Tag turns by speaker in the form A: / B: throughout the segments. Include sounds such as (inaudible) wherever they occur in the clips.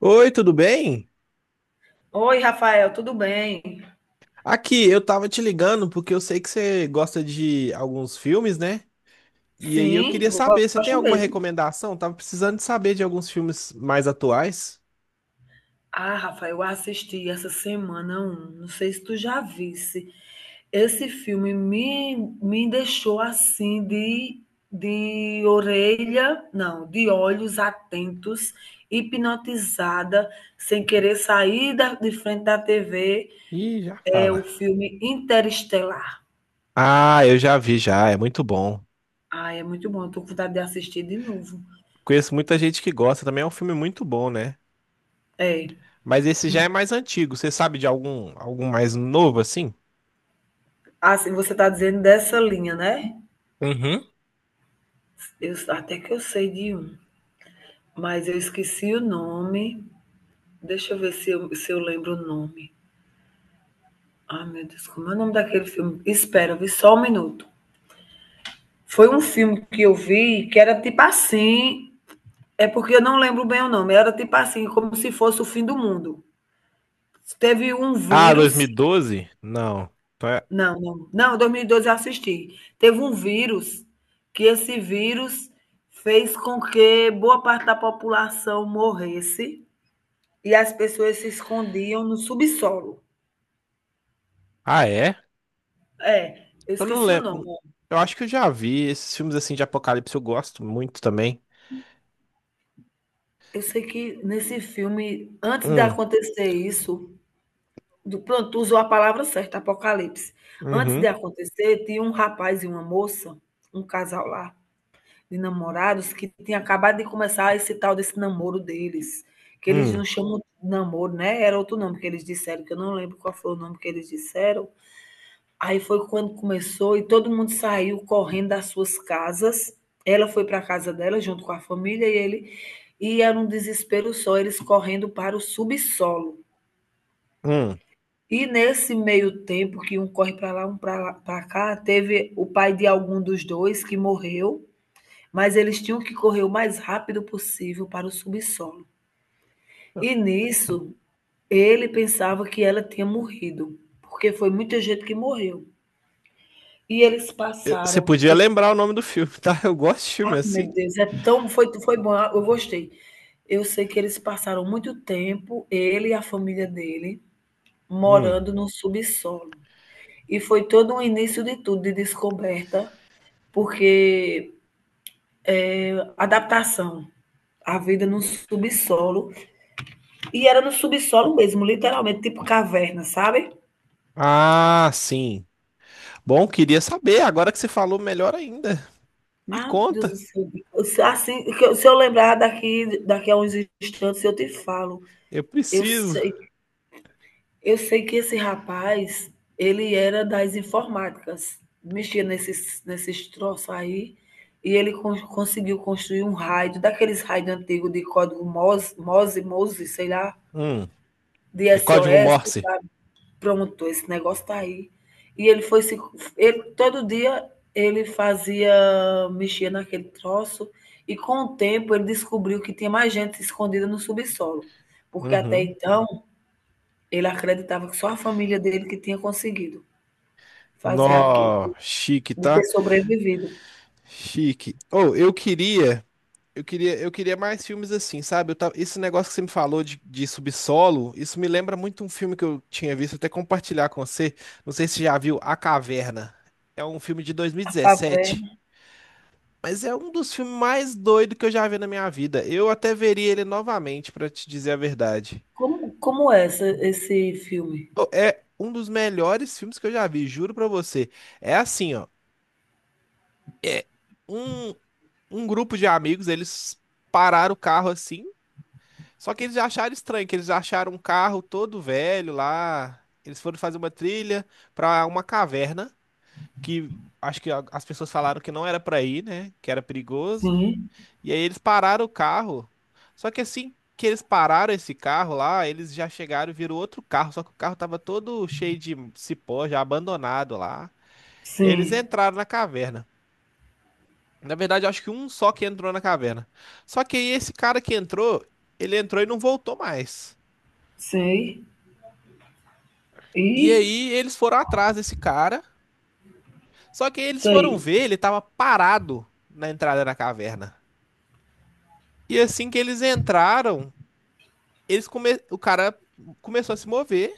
A: Oi, tudo bem?
B: Oi, Rafael, tudo bem?
A: Aqui, eu tava te ligando porque eu sei que você gosta de alguns filmes, né? E aí eu
B: Sim,
A: queria
B: eu
A: saber, você tem
B: gosto
A: alguma
B: mesmo.
A: recomendação? Tava precisando de saber de alguns filmes mais atuais.
B: Ah, Rafael, eu assisti essa semana um, não sei se tu já visse. Esse filme me deixou assim de orelha, não, de olhos atentos, hipnotizada, sem querer sair de frente da TV.
A: Ih, já
B: É
A: fala.
B: o filme Interestelar.
A: Ah, eu já vi já, é muito bom.
B: Ah, é muito bom, eu tô com vontade de assistir de novo.
A: Conheço muita gente que gosta, também é um filme muito bom, né?
B: É,
A: Mas esse já é mais antigo. Você sabe de algum mais novo assim?
B: assim, você tá dizendo dessa linha, né?
A: Uhum.
B: Eu, até que eu sei de um, mas eu esqueci o nome. Deixa eu ver se eu lembro o nome. Ai, meu Deus, como é o nome daquele filme? Espera, vi só um minuto. Foi um filme que eu vi que era tipo assim. É porque eu não lembro bem o nome. Era tipo assim, como se fosse o fim do mundo. Teve um
A: Ah,
B: vírus.
A: 2012? Não. Então é-
B: Não, não. Não, 2012 eu assisti. Teve um vírus que esse vírus fez com que boa parte da população morresse. E as pessoas se escondiam no subsolo.
A: Ah, é?
B: É, eu
A: Eu não
B: esqueci o nome.
A: lembro. Eu acho que eu já vi esses filmes assim de apocalipse, eu gosto muito também.
B: Eu sei que nesse filme, antes de
A: Hum,
B: acontecer isso, do, pronto, tu usou a palavra certa, apocalipse. Antes de
A: uhum,
B: acontecer, tinha um rapaz e uma moça, um casal lá, de namorados, que tinha acabado de começar esse tal desse namoro deles. Que eles não
A: hum,
B: chamam de namoro, né? Era outro nome que eles disseram, que eu não lembro qual foi o nome que eles disseram. Aí foi quando começou e todo mundo saiu correndo das suas casas. Ela foi para a casa dela junto com a família e ele, e era um desespero só, eles correndo para o subsolo.
A: hum.
B: E nesse meio tempo que um corre para lá, um para cá, teve o pai de algum dos dois que morreu, mas eles tinham que correr o mais rápido possível para o subsolo. E nisso, ele pensava que ela tinha morrido, porque foi muita gente que morreu. E eles
A: Você
B: passaram.
A: podia lembrar o nome do filme, (laughs) tá? Eu gosto de filme
B: Ai, meu
A: assim.
B: Deus, é tão foi foi bom, eu gostei. Eu sei que eles passaram muito tempo, ele e a família dele,
A: Hum.
B: morando no subsolo. E foi todo um início de tudo, de descoberta, porque adaptação à vida no subsolo, e era no subsolo mesmo, literalmente, tipo caverna, sabe?
A: Ah, sim. Bom, queria saber. Agora que você falou, melhor ainda. Me
B: Ah, meu Deus
A: conta.
B: do céu. Se- Assim, que eu- se eu lembrar daqui, daqui a uns instantes, eu te falo.
A: Eu
B: Eu
A: preciso.
B: sei Eu sei que esse rapaz, ele era das informáticas, mexia nesses troços aí, e ele conseguiu construir um raio, daqueles raios antigos de código MOS, MOSE, MOSE, sei lá,
A: Hum.
B: de
A: É código
B: SOS, tu
A: Morse.
B: sabe? Pronto, esse negócio tá aí. E ele foi se, ele, todo dia ele fazia, mexia naquele troço, e com o tempo ele descobriu que tinha mais gente escondida no subsolo, porque até
A: Uhum.
B: então ele acreditava que só a família dele que tinha conseguido fazer aquilo,
A: Nó, chique,
B: de ter
A: tá?
B: sobrevivido.
A: Chique. Oh, eu queria. Eu queria mais filmes assim, sabe? Esse negócio que você me falou de subsolo, isso me lembra muito um filme que eu tinha visto, até compartilhar com você. Não sei se você já viu A Caverna. É um filme de
B: A
A: 2017,
B: caverna.
A: mas é um dos filmes mais doidos que eu já vi na minha vida. Eu até veria ele novamente, pra te dizer a verdade.
B: Como é esse filme?
A: Pô, é um dos melhores filmes que eu já vi, juro pra você. É assim, ó. É um, um grupo de amigos, eles pararam o carro assim. Só que eles acharam estranho, que eles acharam um carro todo velho lá. Eles foram fazer uma trilha pra uma caverna que acho que as pessoas falaram que não era pra ir, né? Que era perigoso.
B: Sim,
A: E aí eles pararam o carro. Só que assim que eles pararam esse carro lá, eles já chegaram e viram outro carro, só que o carro tava todo cheio de cipó, já abandonado lá. E aí eles
B: sim,
A: entraram na caverna. Na verdade, eu acho que um só que entrou na caverna. Só que aí esse cara que entrou, ele entrou e não voltou mais.
B: sei.
A: E
B: E
A: aí eles foram atrás desse cara, só que aí eles foram
B: sei,
A: ver, ele tava parado na entrada da caverna. E assim que eles entraram, o cara começou a se mover,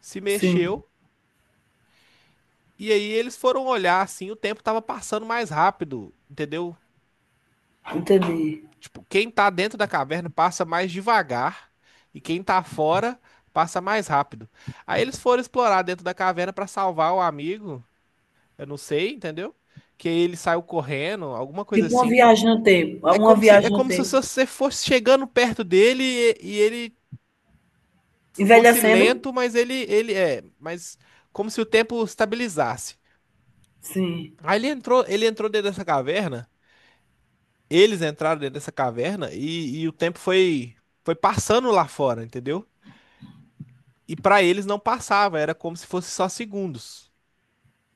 A: se
B: sim.
A: mexeu, e aí eles foram olhar assim, o tempo tava passando mais rápido, entendeu?
B: Entendi.
A: Tipo, quem tá dentro da caverna passa mais devagar e quem tá fora passa mais rápido. Aí eles foram explorar dentro da caverna pra salvar o amigo, eu não sei, entendeu? Que ele saiu correndo, alguma coisa
B: Tipo uma
A: assim.
B: viagem no tempo.
A: É
B: Uma
A: como se, é
B: viagem no
A: como se
B: tempo.
A: você fosse chegando perto dele e ele fosse
B: Envelhecendo?
A: lento, mas ele é, mas como se o tempo estabilizasse.
B: Sim,
A: Aí ele entrou dentro dessa caverna, eles entraram dentro dessa caverna e o tempo foi, foi passando lá fora, entendeu? E pra eles não passava, era como se fosse só segundos,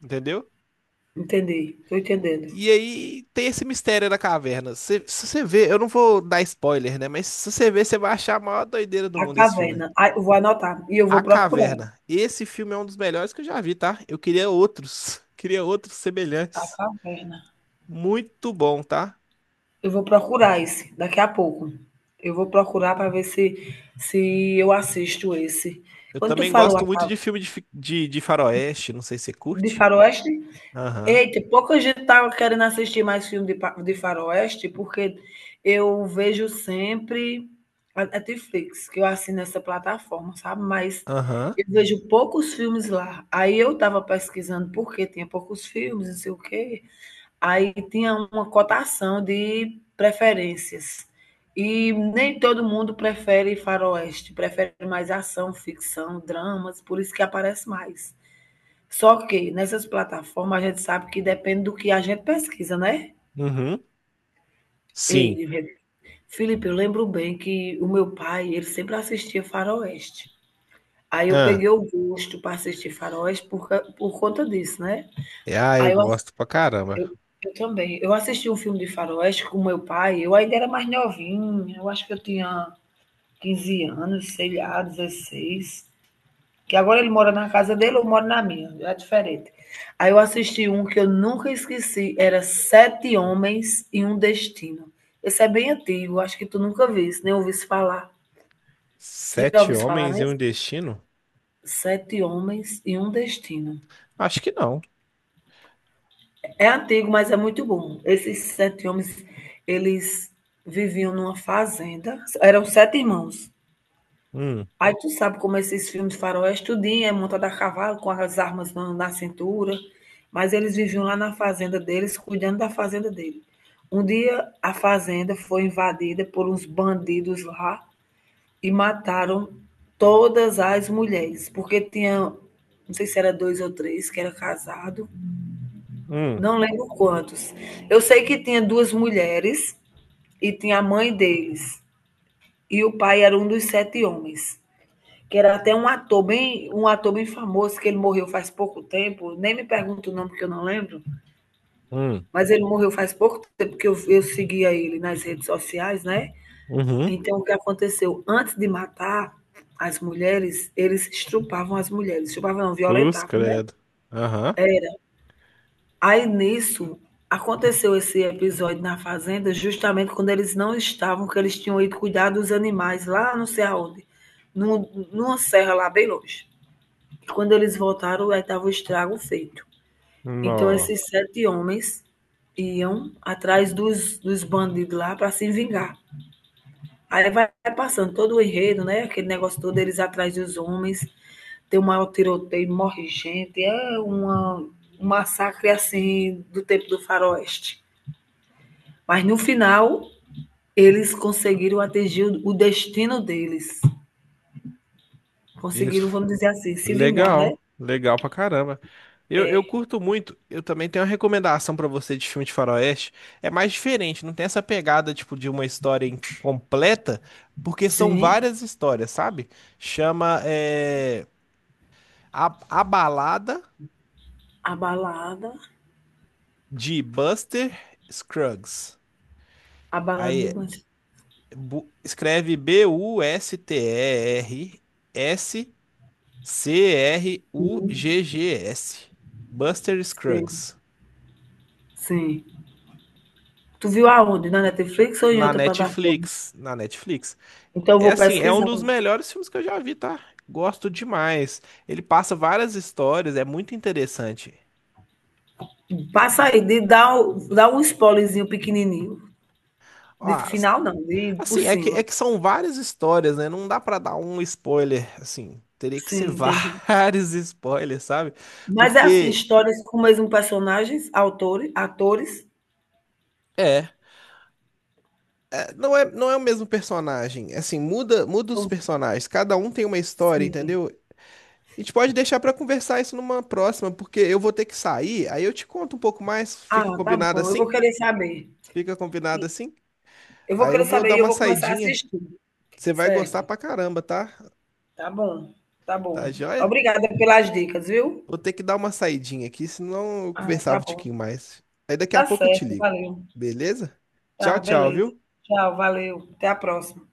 A: entendeu?
B: entendi. Estou entendendo.
A: E aí tem esse mistério da caverna. Se você ver, eu não vou dar spoiler, né? Mas se você ver, você vai achar a maior doideira do
B: A
A: mundo esse filme.
B: caverna. Ah, eu vou anotar e eu
A: A
B: vou procurar.
A: Caverna. Esse filme é um dos melhores que eu já vi, tá? Eu queria outros. (laughs) Queria outros
B: A
A: semelhantes.
B: caverna.
A: Muito bom, tá?
B: Eu vou procurar esse daqui a pouco. Eu vou procurar para ver se eu assisto esse.
A: Eu
B: Quando tu
A: também
B: falou
A: gosto muito de filme de faroeste. Não sei se você
B: de
A: curte.
B: Faroeste,
A: Aham.
B: eita, pouca gente estava querendo assistir mais filme de Faroeste, porque eu vejo sempre a Netflix, que eu assino essa plataforma, sabe? Mas
A: Aham.
B: eu vejo poucos filmes lá. Aí eu estava pesquisando por que tinha poucos filmes, não sei o quê. Aí tinha uma cotação de preferências. E nem todo mundo prefere faroeste, prefere mais ação, ficção, dramas, por isso que aparece mais. Só que nessas plataformas a gente sabe que depende do que a gente pesquisa, né?
A: Uhum. Sim.
B: Ei, Felipe, eu lembro bem que o meu pai, ele sempre assistia faroeste. Aí eu
A: Ah,
B: peguei o gosto para assistir faroeste por conta disso, né?
A: é, ah, eu
B: Aí
A: gosto pra caramba.
B: eu também. Eu assisti um filme de faroeste com meu pai, eu ainda era mais novinha, eu acho que eu tinha 15 anos, sei lá, 16. Que agora ele mora na casa dele, eu moro na minha, é diferente. Aí eu assisti um que eu nunca esqueci, era Sete Homens e um Destino. Esse é bem antigo, acho que tu nunca viste, nem ouviste falar. Já
A: Sete
B: ouviste falar
A: Homens e um
B: nesse?
A: Destino?
B: Sete Homens e um Destino.
A: Acho que não.
B: É antigo, mas é muito bom. Esses sete homens, eles viviam numa fazenda. Eram sete irmãos.
A: Hum,
B: Aí tu sabe como esses filmes faroeste, tudinho é montado a cavalo, com as armas na cintura. Mas eles viviam lá na fazenda deles, cuidando da fazenda dele. Um dia a fazenda foi invadida por uns bandidos lá e mataram todas as mulheres, porque tinha, não sei se era dois ou três, que era casado,
A: hum,
B: não lembro quantos. Eu sei que tinha duas mulheres e tinha a mãe deles. E o pai era um dos sete homens. Que era até um ator bem famoso, que ele morreu faz pouco tempo. Nem me pergunto o nome, porque eu não lembro.
A: hum.
B: Mas ele morreu faz pouco tempo, porque eu seguia ele nas redes sociais, né?
A: Uhum.
B: Então, o que aconteceu? Antes de matar as mulheres, eles estrupavam as mulheres. Estrupavam, não,
A: Cruz,
B: violentavam, né?
A: credo. Aham.
B: É, aí nisso aconteceu esse episódio na fazenda, justamente quando eles não estavam, que eles tinham ido cuidar dos animais lá não sei aonde, num, numa serra lá bem longe. E quando eles voltaram, aí estava o estrago feito. Então
A: Nó.
B: esses sete homens iam atrás dos bandidos lá para se vingar. Aí vai passando todo o enredo, né? Aquele negócio todo, eles atrás dos homens, tem um maior tiroteio, morre gente, um massacre assim do tempo do faroeste. Mas no final, eles conseguiram atingir o destino deles. Conseguiram,
A: Isso.
B: vamos dizer assim, se vingar, né?
A: Legal, legal pra caramba. Eu curto muito. Eu também tenho uma recomendação pra você de filme de faroeste. É mais diferente, não tem essa pegada tipo de uma história incompleta, porque são
B: Sim,
A: várias histórias, sabe? Chama é, a Balada
B: a balada,
A: de Buster Scruggs.
B: a balada de
A: Aí
B: Bandido.
A: escreve B-U-S-T-E-R-S-C-R-U-G-G-S. Buster
B: Sim,
A: Scruggs.
B: sim. Tu viu aonde? Na Netflix ou em
A: Na
B: outra plataforma?
A: Netflix, na Netflix.
B: Então eu
A: É
B: vou
A: assim, é um
B: pesquisar.
A: dos melhores filmes que eu já vi, tá? Gosto demais. Ele passa várias histórias, é muito interessante.
B: Passa aí, dá um spoilerzinho pequenininho.
A: Ó,
B: De final não, de por
A: assim, é que,
B: cima.
A: é que são várias histórias, né? Não dá pra dar um spoiler, assim. Teria que ser
B: Sim, entendi.
A: (laughs) vários spoilers, sabe?
B: Mas é assim,
A: Porque
B: histórias com o mesmo personagens, autores, atores.
A: é, é, não é o mesmo personagem. Assim, muda os
B: São,
A: personagens. Cada um tem uma história,
B: sim,
A: entendeu? A gente pode deixar pra conversar isso numa próxima, porque eu vou ter que sair, aí eu te conto um pouco mais. Fica
B: Ah, tá
A: combinado
B: bom, eu
A: assim?
B: vou querer saber.
A: Fica combinado
B: E
A: assim?
B: eu vou
A: Aí eu
B: querer
A: vou
B: saber
A: dar
B: e eu
A: uma
B: vou começar a
A: saidinha.
B: assistir.
A: Você vai gostar
B: Certo.
A: pra caramba, tá?
B: Tá bom, tá
A: Tá
B: bom.
A: joia?
B: Obrigada pelas dicas, viu?
A: Vou ter que dar uma saidinha aqui, senão eu
B: Ah,
A: conversava
B: tá
A: um
B: bom.
A: tiquinho mais. Aí daqui a
B: Tá
A: pouco eu te
B: certo,
A: ligo.
B: valeu.
A: Beleza? Tchau,
B: Tá,
A: tchau,
B: beleza.
A: viu?
B: Tchau, valeu. Até a próxima.